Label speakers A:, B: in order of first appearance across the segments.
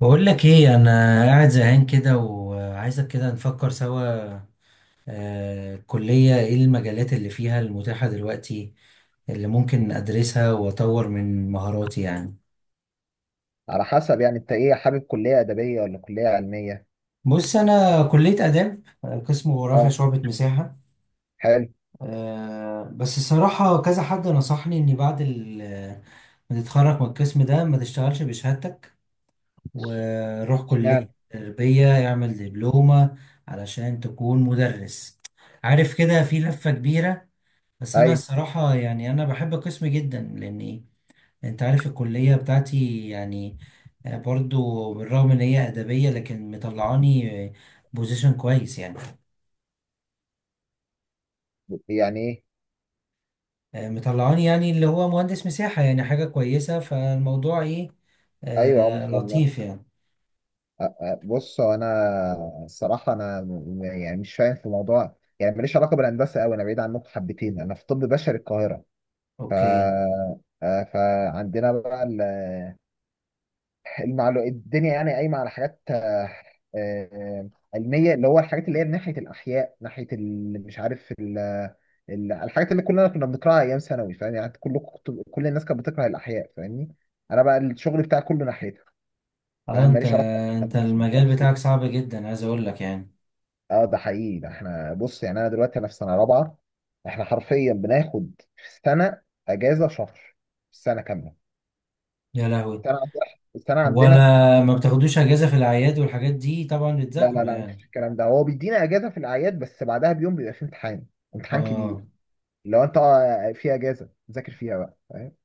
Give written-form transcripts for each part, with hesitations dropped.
A: بقول لك ايه؟ انا قاعد زهقان كده وعايزك كده نفكر سوا. الكلية ايه المجالات اللي فيها المتاحة دلوقتي اللي ممكن ادرسها واطور من مهاراتي يعني؟
B: على حسب، يعني انت ايه؟ حابب كلية ادبية ولا كلية علمية؟
A: بص، انا كلية آداب قسم جغرافيا
B: اه.
A: شعبة مساحة.
B: حلو.
A: بس الصراحة كذا حد نصحني اني بعد ما تتخرج من القسم ده ما تشتغلش بشهادتك وروح كلية
B: اشمعنى؟
A: تربية اعمل دبلومة علشان تكون مدرس. عارف كده في لفة كبيرة. بس أنا
B: ايوه.
A: الصراحة يعني أنا بحب قسمي جدا لأني أنت عارف الكلية بتاعتي يعني. برضو بالرغم إن هي أدبية لكن مطلعاني بوزيشن كويس يعني.
B: يعني ايه؟
A: مطلعاني يعني اللي هو مهندس مساحة يعني حاجة كويسة، فالموضوع إيه؟
B: ايوه، اه، ما
A: آه
B: شاء الله.
A: لطيف يعني.
B: بص، هو انا الصراحة انا مش فاهم في موضوع، يعني ماليش علاقة بالهندسة قوي. انا بعيد عنكم حبتين، انا في طب بشري القاهرة. ف
A: أوكي.
B: آه، فعندنا بقى الدنيا يعني قايمه على حاجات آه، علميه، اللي هو الحاجات اللي هي ناحيه الاحياء، ناحيه ال- مش عارف ال... ال- الحاجات اللي كلنا كنا بنقراها ايام ثانوي. فاهم؟ يعني كل الناس كانت بتكره الاحياء، فاهمني؟ انا بقى الشغل بتاعي كله ناحيتها.
A: أه
B: فاهم؟
A: أنت
B: ماليش علاقه
A: أنت
B: بالهندسه، ما
A: المجال
B: بفهمش فيها.
A: بتاعك صعب جدا، عايز أقول لك يعني.
B: اه، ده حقيقي. ده احنا، بص، يعني انا دلوقتي انا في سنه رابعه. احنا حرفيا بناخد في السنه اجازه شهر في السنه كامله.
A: يا لهوي!
B: السنه عندنا السنه
A: ولا
B: عندنا.
A: ما بتاخدوش اجازه في الاعياد والحاجات دي؟ طبعا
B: لا لا
A: بتذاكروا
B: لا،
A: يعني.
B: مفيش الكلام ده. هو بيدينا اجازه في الاعياد بس بعدها بيوم بيبقى فيه امتحان، امتحان
A: اه.
B: كبير. لو انت في اجازه ذاكر فيها بقى. فاهم؟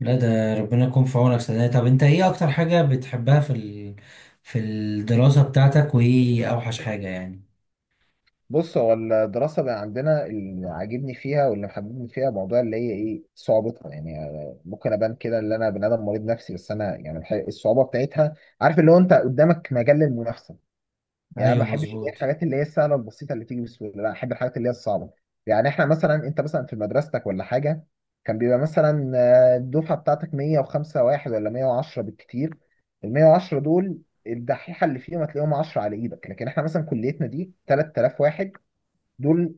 A: لا ده ربنا يكون في عونك. سنة طب، انت ايه اكتر حاجه بتحبها في في الدراسه بتاعتك وايه اوحش حاجه يعني؟
B: بص، هو الدراسه اللي عندنا اللي عاجبني فيها واللي محببني فيها، موضوع اللي هي ايه، صعوبتها يعني. ممكن ابان كده ان انا بني ادم مريض نفسي، بس انا يعني الحقيقة الصعوبه بتاعتها، عارف، اللي هو انت قدامك مجال للمنافسه. يعني ما
A: ايوه
B: بحبش اللي هي
A: مظبوط.
B: الحاجات اللي هي السهله البسيطه اللي تيجي بسهوله، لا، احب الحاجات اللي هي الصعبه. يعني احنا مثلا، انت مثلا في مدرستك ولا حاجه كان بيبقى مثلا الدفعه بتاعتك 105 واحد ولا 110 بالكتير. ال 110 دول، الدحيحه اللي فيهم هتلاقيهم 10 على ايدك. لكن احنا مثلا كليتنا دي 3000 واحد. دول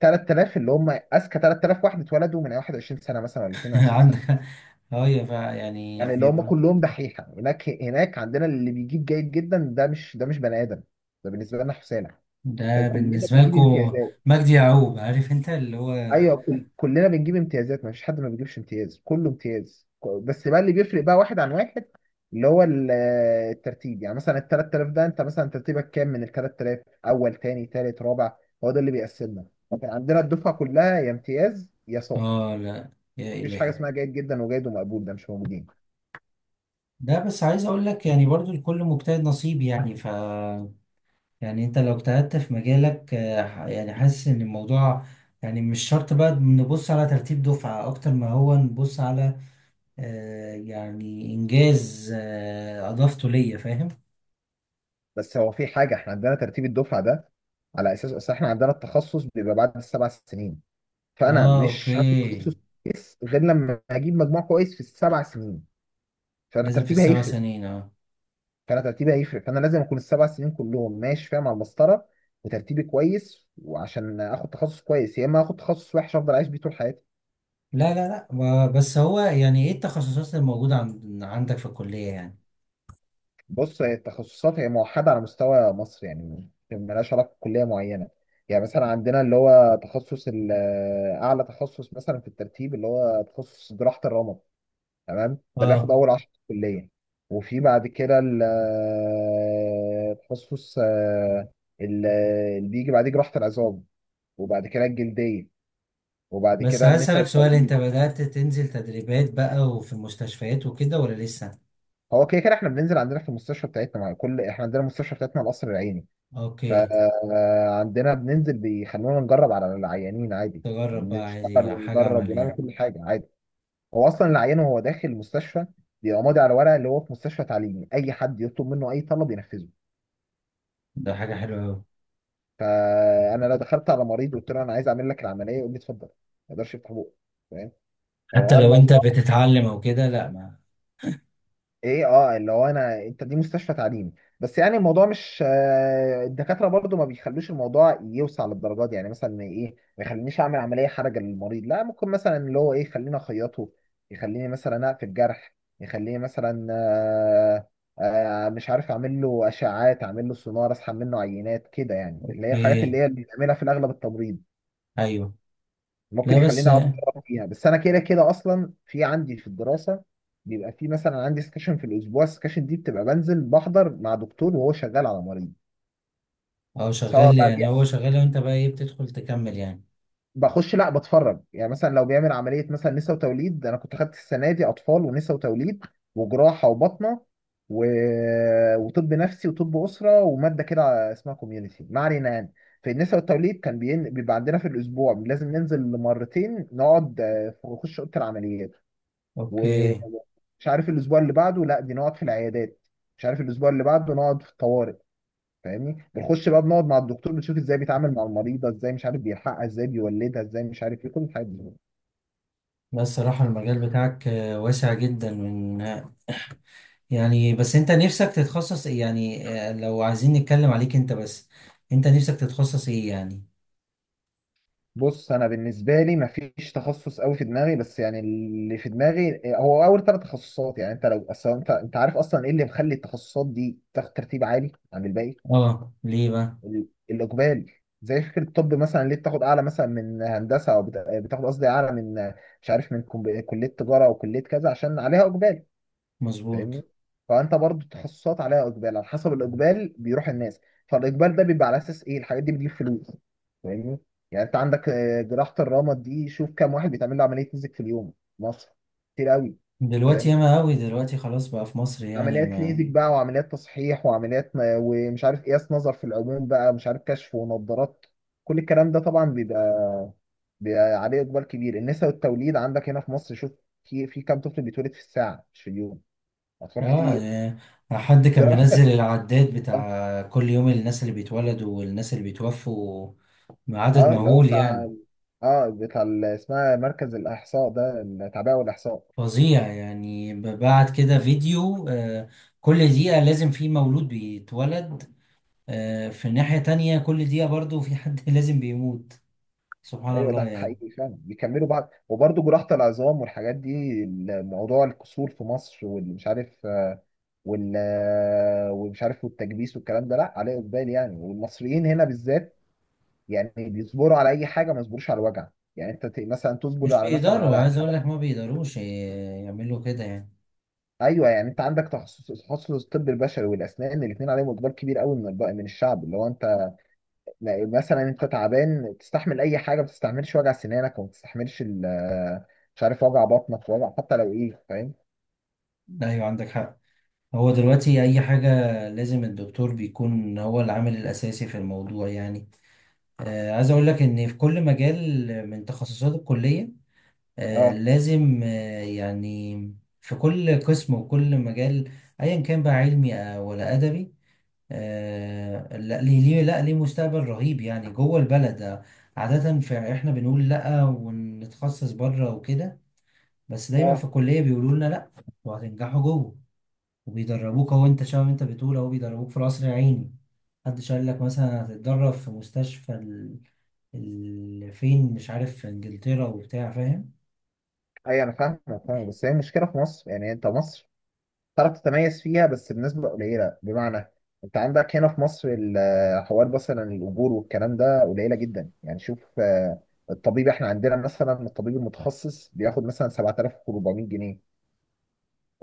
B: 3000 اللي هم اذكى 3000 واحد اتولدوا من 21 سنه مثلا ولا 22 سنه.
A: عندك. ايوه فا يعني
B: يعني اللي هم
A: بيبقى.
B: كلهم دحيحه. هناك هناك عندنا اللي بيجيب جيد جدا ده مش، ده مش بني ادم، ده بالنسبه لنا حسالة.
A: ده
B: يعني كلنا
A: بالنسبه
B: بنجيب
A: لكم.
B: امتيازات.
A: مجدي يعقوب، عارف انت اللي هو.
B: ايوه، كلنا بنجيب امتيازات. ما فيش حد ما بيجيبش امتياز، كله امتياز. بس بقى اللي بيفرق بقى واحد عن واحد، اللي هو الترتيب. يعني مثلا ال 3000 ده، انت مثلا ترتيبك كام من ال 3000؟ اول، تاني، تالت، رابع. هو ده اللي بيقسمنا. لكن عندنا الدفعه كلها يا امتياز يا ساقط.
A: اه لا. يا
B: مفيش حاجه
A: الهي!
B: اسمها جيد جدا وجيد ومقبول، ده مش موجودين.
A: ده بس عايز اقول لك يعني برضو الكل مجتهد نصيب، يعني ف يعني انت لو اجتهدت في مجالك يعني حاسس ان الموضوع، يعني مش شرط بقى نبص على ترتيب دفعة اكتر ما هو نبص على يعني انجاز اضافته ليا، فاهم.
B: بس هو في حاجه، احنا عندنا ترتيب الدفعه ده على اساس اصل احنا عندنا التخصص بيبقى بعد السبع سنين. فانا
A: اه
B: مش
A: اوكي.
B: هتخصص كويس غير لما اجيب مجموع كويس في السبع سنين. فانا
A: لازم في
B: ترتيبي
A: السبع
B: هيفرق
A: سنين اه.
B: فانا ترتيبي هيفرق. فانا لازم اكون السبع سنين كلهم ماشي فيها مع المسطره وترتيبي كويس، وعشان اخد تخصص كويس، يا اما اخد تخصص وحش افضل اعيش بيه طول حياتي.
A: لا لا لا بس هو يعني ايه التخصصات الموجودة عندك في الكلية يعني؟
B: بص، هي التخصصات هي موحده على مستوى مصر. يعني ملهاش علاقه بكليه معينه. يعني مثلا عندنا اللي هو تخصص اعلى تخصص مثلا في الترتيب، اللي هو تخصص جراحه الرمد. تمام؟ ده بياخد
A: اه.
B: اول 10 في الكليه. وفي بعد كده التخصص آه، ال- اللي بيجي بعديه جراحه العظام، وبعد كده الجلديه، وبعد
A: بس
B: كده النساء
A: هسألك سؤال، انت
B: والتوليد.
A: بدأت تنزل تدريبات بقى وفي المستشفيات وكده ولا لسه؟
B: هو كده كده احنا بننزل عندنا في المستشفى بتاعتنا، مع كل، احنا عندنا المستشفى بتاعتنا القصر العيني.
A: اوكي.
B: فعندنا بننزل بيخلونا نجرب على العيانين عادي.
A: تجرب بقى عادي
B: نشتغل
A: حاجة
B: ونجرب ونعمل
A: عملية.
B: كل حاجه عادي. هو اصلا العيان وهو داخل المستشفى بيبقى ماضي على ورقه اللي هو في مستشفى تعليمي، اي حد يطلب منه اي طلب ينفذه.
A: ده حاجة حلوة أوي.
B: فانا لو دخلت على مريض وقلت له انا عايز اعمل لك العمليه يقول لي اتفضل، ما يقدرش يفتح بقه. فاهم؟
A: حتى
B: هو
A: لو أنت
B: الموضوع
A: بتتعلم أو كده لأ ما.
B: ايه، اه، اللي هو انا، انت دي مستشفى تعليمي. بس يعني الموضوع مش الدكاتره برضو ما بيخلوش الموضوع يوسع للدرجات دي. يعني مثلا ايه، ما يخلينيش اعمل عمليه حرجه للمريض لا، ممكن مثلا اللي هو ايه يخليني اخيطه، يخليني مثلا اقفل جرح، يخليني مثلا مش عارف اعمل له اشعاعات، اعمل له سونار، اسحب منه عينات كده، يعني اللي هي الحاجات اللي
A: إيه.
B: هي اللي بنعملها في الاغلب. التمريض
A: أيوه. لا
B: ممكن
A: بس
B: يخليني اقعد أقرأ فيها، بس انا كده كده اصلا في عندي في الدراسه بيبقى في مثلا عندي سكشن في الاسبوع. السكشن دي بتبقى بنزل بحضر مع دكتور وهو شغال على مريض،
A: هو
B: سواء
A: شغال،
B: بقى
A: يعني هو شغال وأنت بقى إيه، بتدخل تكمل يعني؟
B: بخش لا بتفرج. يعني مثلا لو بيعمل عمليه مثلا نسا وتوليد، انا كنت خدت السنه دي اطفال ونسا وتوليد وجراحه وبطنه و... وطب نفسي وطب اسره وماده كده اسمها كوميونتي، ما علينا. يعني في النساء والتوليد كان بيبقى عندنا في الاسبوع لازم ننزل مرتين، نقعد نخش اوضه العمليات، و...
A: أوكي.
B: مش عارف الاسبوع اللي بعده لا، دي نقعد في العيادات، مش عارف الاسبوع اللي بعده نقعد في الطوارئ. فاهمني؟ بنخش بقى بنقعد مع الدكتور، بنشوف ازاي بيتعامل مع المريضه، ازاي مش عارف بيلحقها، ازاي بيولدها، ازاي مش عارف ايه، كل الحاجات دي.
A: بس الصراحة المجال بتاعك واسع جدا من، يعني بس أنت نفسك تتخصص إيه يعني؟ لو عايزين نتكلم عليك أنت بس، أنت نفسك تتخصص إيه يعني؟
B: بص انا بالنسبه لي مفيش تخصص قوي في دماغي، بس يعني اللي في دماغي هو اول ثلاث تخصصات. يعني انت لو اصلا، انت عارف اصلا ايه اللي مخلي التخصصات دي تاخد ترتيب عالي عن الباقي؟
A: آه ليه بقى؟
B: الاقبالي. زي فكره الطب مثلا، ليه بتاخد اعلى مثلا من هندسه، او بتاخد قصدي اعلى من، مش عارف، كليه تجاره او كليه كذا، عشان عليها اقبال.
A: مظبوط.
B: فاهمني؟ فانت برضو التخصصات عليها اقبال، على حسب الاقبال بيروح الناس. فالاقبال ده بيبقى على اساس ايه، الحاجات دي بتجيب فلوس. فاهمني؟ يعني انت عندك جراحه الرمد دي، شوف كام واحد بيتعمل له عمليه مزك في اليوم في مصر. كتير قوي.
A: دلوقتي ياما أوي دلوقتي، خلاص بقى في مصر يعني
B: عمليات ليزك
A: ما.
B: بقى، وعمليات تصحيح، ومش عارف قياس نظر في العموم بقى، مش عارف كشف ونظارات. كل الكلام ده طبعا بيبقى، بيبقى عليه اقبال كبير. النساء والتوليد عندك هنا في مصر، شوف في كام طفل بيتولد في الساعه، مش في اليوم. اطفال
A: اه
B: كتير.
A: يعني. حد كان
B: جراحه
A: منزل العداد
B: اه.
A: بتاع كل يوم الناس اللي بيتولدوا والناس اللي بيتوفوا بعدد
B: اه، اللي هو
A: مهول
B: بتاع،
A: يعني.
B: اه بتاع اسمها مركز الاحصاء ده، التعبئه والاحصاء.
A: فظيع. يعني بعد كده فيديو، كل دقيقة لازم في مولود بيتولد. في ناحية تانية كل دقيقة برضو في حد لازم بيموت. سبحان
B: ايوه،
A: الله
B: ده
A: يعني.
B: حقيقي فعلا، بيكملوا بعض. وبرضه جراحة العظام والحاجات دي، موضوع الكسور في مصر واللي مش عارف آه، وال آه، ومش عارف، والتكبيس والكلام ده، لا، عليه اقبال يعني. والمصريين هنا بالذات يعني بيصبروا على اي حاجه، ما يصبروش على الوجع. يعني انت مثلا تصبر
A: مش
B: على، مثلا،
A: بيقدروا
B: على
A: عايز اقول
B: حاجات.
A: لك، ما بيقدروش يعملوا كده يعني.
B: ايوه. يعني انت عندك تخصص، تخصص الطب البشري والاسنان، الاثنين عليهم اقبال كبير قوي من من الشعب، اللي هو انت لا، مثلا انت تعبان تستحمل اي حاجه، ما تستحملش وجع سنانك، وما تستحملش مش عارف وجع بطنك، وجع حتى لو ايه. فاهم؟
A: لا ايوه، عندك حق. هو دلوقتي اي حاجة لازم الدكتور بيكون هو العامل الاساسي في الموضوع يعني. عايز اقول لك ان في كل مجال من تخصصات الكلية، آه،
B: اه.
A: لازم آه، يعني في كل قسم وكل مجال ايا كان بقى علمي ولا ادبي، لا ليه مستقبل رهيب يعني جوه البلد. عادة في احنا بنقول لا ونتخصص بره وكده، بس دايما في
B: اه،
A: الكلية بيقولوا لنا لا، وهتنجحوا جوه، وبيدربوك اهو. انت شباب، انت بتقول اهو بيدربوك في القصر العيني. محدش قال لك مثلا هتتدرب في مستشفى فين، مش عارف في انجلترا وبتاع، فاهم.
B: اي انا فاهم، فاهم. بس هي المشكله في مصر، يعني انت مصر تعرف تتميز فيها بس بنسبه قليله. بمعنى، انت عندك هنا في مصر حوار مثلا الاجور والكلام ده قليله جدا. يعني شوف الطبيب، احنا عندنا مثلا الطبيب المتخصص بياخد مثلا 7400 جنيه.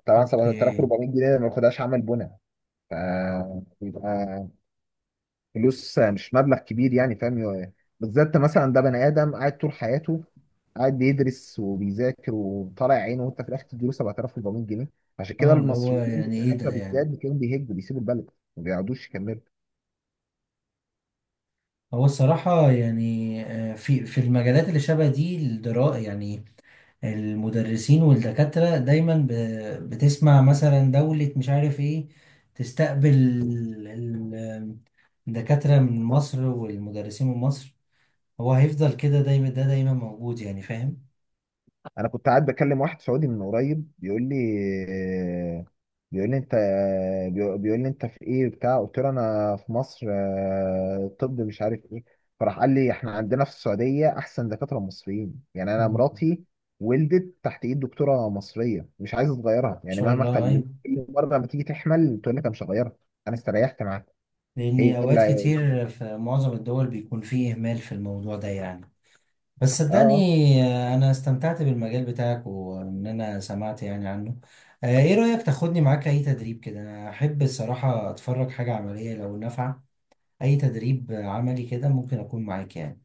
B: طبعا 7400
A: اوكي.
B: جنيه ده ما بياخدهاش عمل بناء. ف فلوس، مش مبلغ كبير يعني. فاهم؟ بالذات مثلا ده بني ادم قاعد طول حياته قاعد بيدرس وبيذاكر وطالع عينه، وانت في الاخر تديله 7400 جنيه. عشان كده
A: اه اللي هو
B: المصريين في
A: يعني ايه ده
B: الاكله
A: يعني؟
B: بالذات بتلاقيهم بيهجوا، بيسيبوا البلد، ما بيقعدوش يكملوا.
A: هو الصراحة يعني في المجالات اللي شبه دي الدرا يعني، المدرسين والدكاترة دايما بتسمع مثلا دولة مش عارف ايه تستقبل الدكاترة من مصر والمدرسين من مصر. هو هيفضل كده دايما، ده دايما موجود يعني، فاهم.
B: انا كنت قاعد بكلم واحد سعودي من قريب، بيقول لي انت بيقول لي انت في ايه بتاع. قلت له انا في مصر، طب مش عارف ايه. فراح قال لي احنا عندنا في السعوديه احسن دكاتره مصريين. يعني انا
A: مم.
B: مراتي ولدت تحت ايد دكتوره مصريه، مش عايزه تغيرها.
A: ان
B: يعني
A: شاء
B: مهما
A: الله،
B: خلت،
A: ايوه.
B: كل مره لما تيجي تحمل تقول لك انا مش هغيرها، انا استريحت معاها.
A: لأني
B: هي
A: أوقات
B: اللي،
A: كتير في معظم الدول بيكون فيه إهمال في الموضوع ده يعني. بس
B: اه.
A: صدقني،
B: آه.
A: أنا استمتعت بالمجال بتاعك وإن أنا سمعت يعني عنه. إيه رأيك تاخدني معاك أي تدريب كده؟ أنا أحب الصراحة أتفرج حاجة عملية لو نافعة. أي تدريب عملي كده ممكن أكون معاك يعني.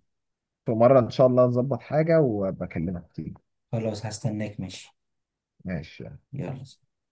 B: في مره ان شاء الله نظبط حاجه وبكلمك تيجي.
A: خلاص هستناك ماشي.
B: ماشي.
A: يلا.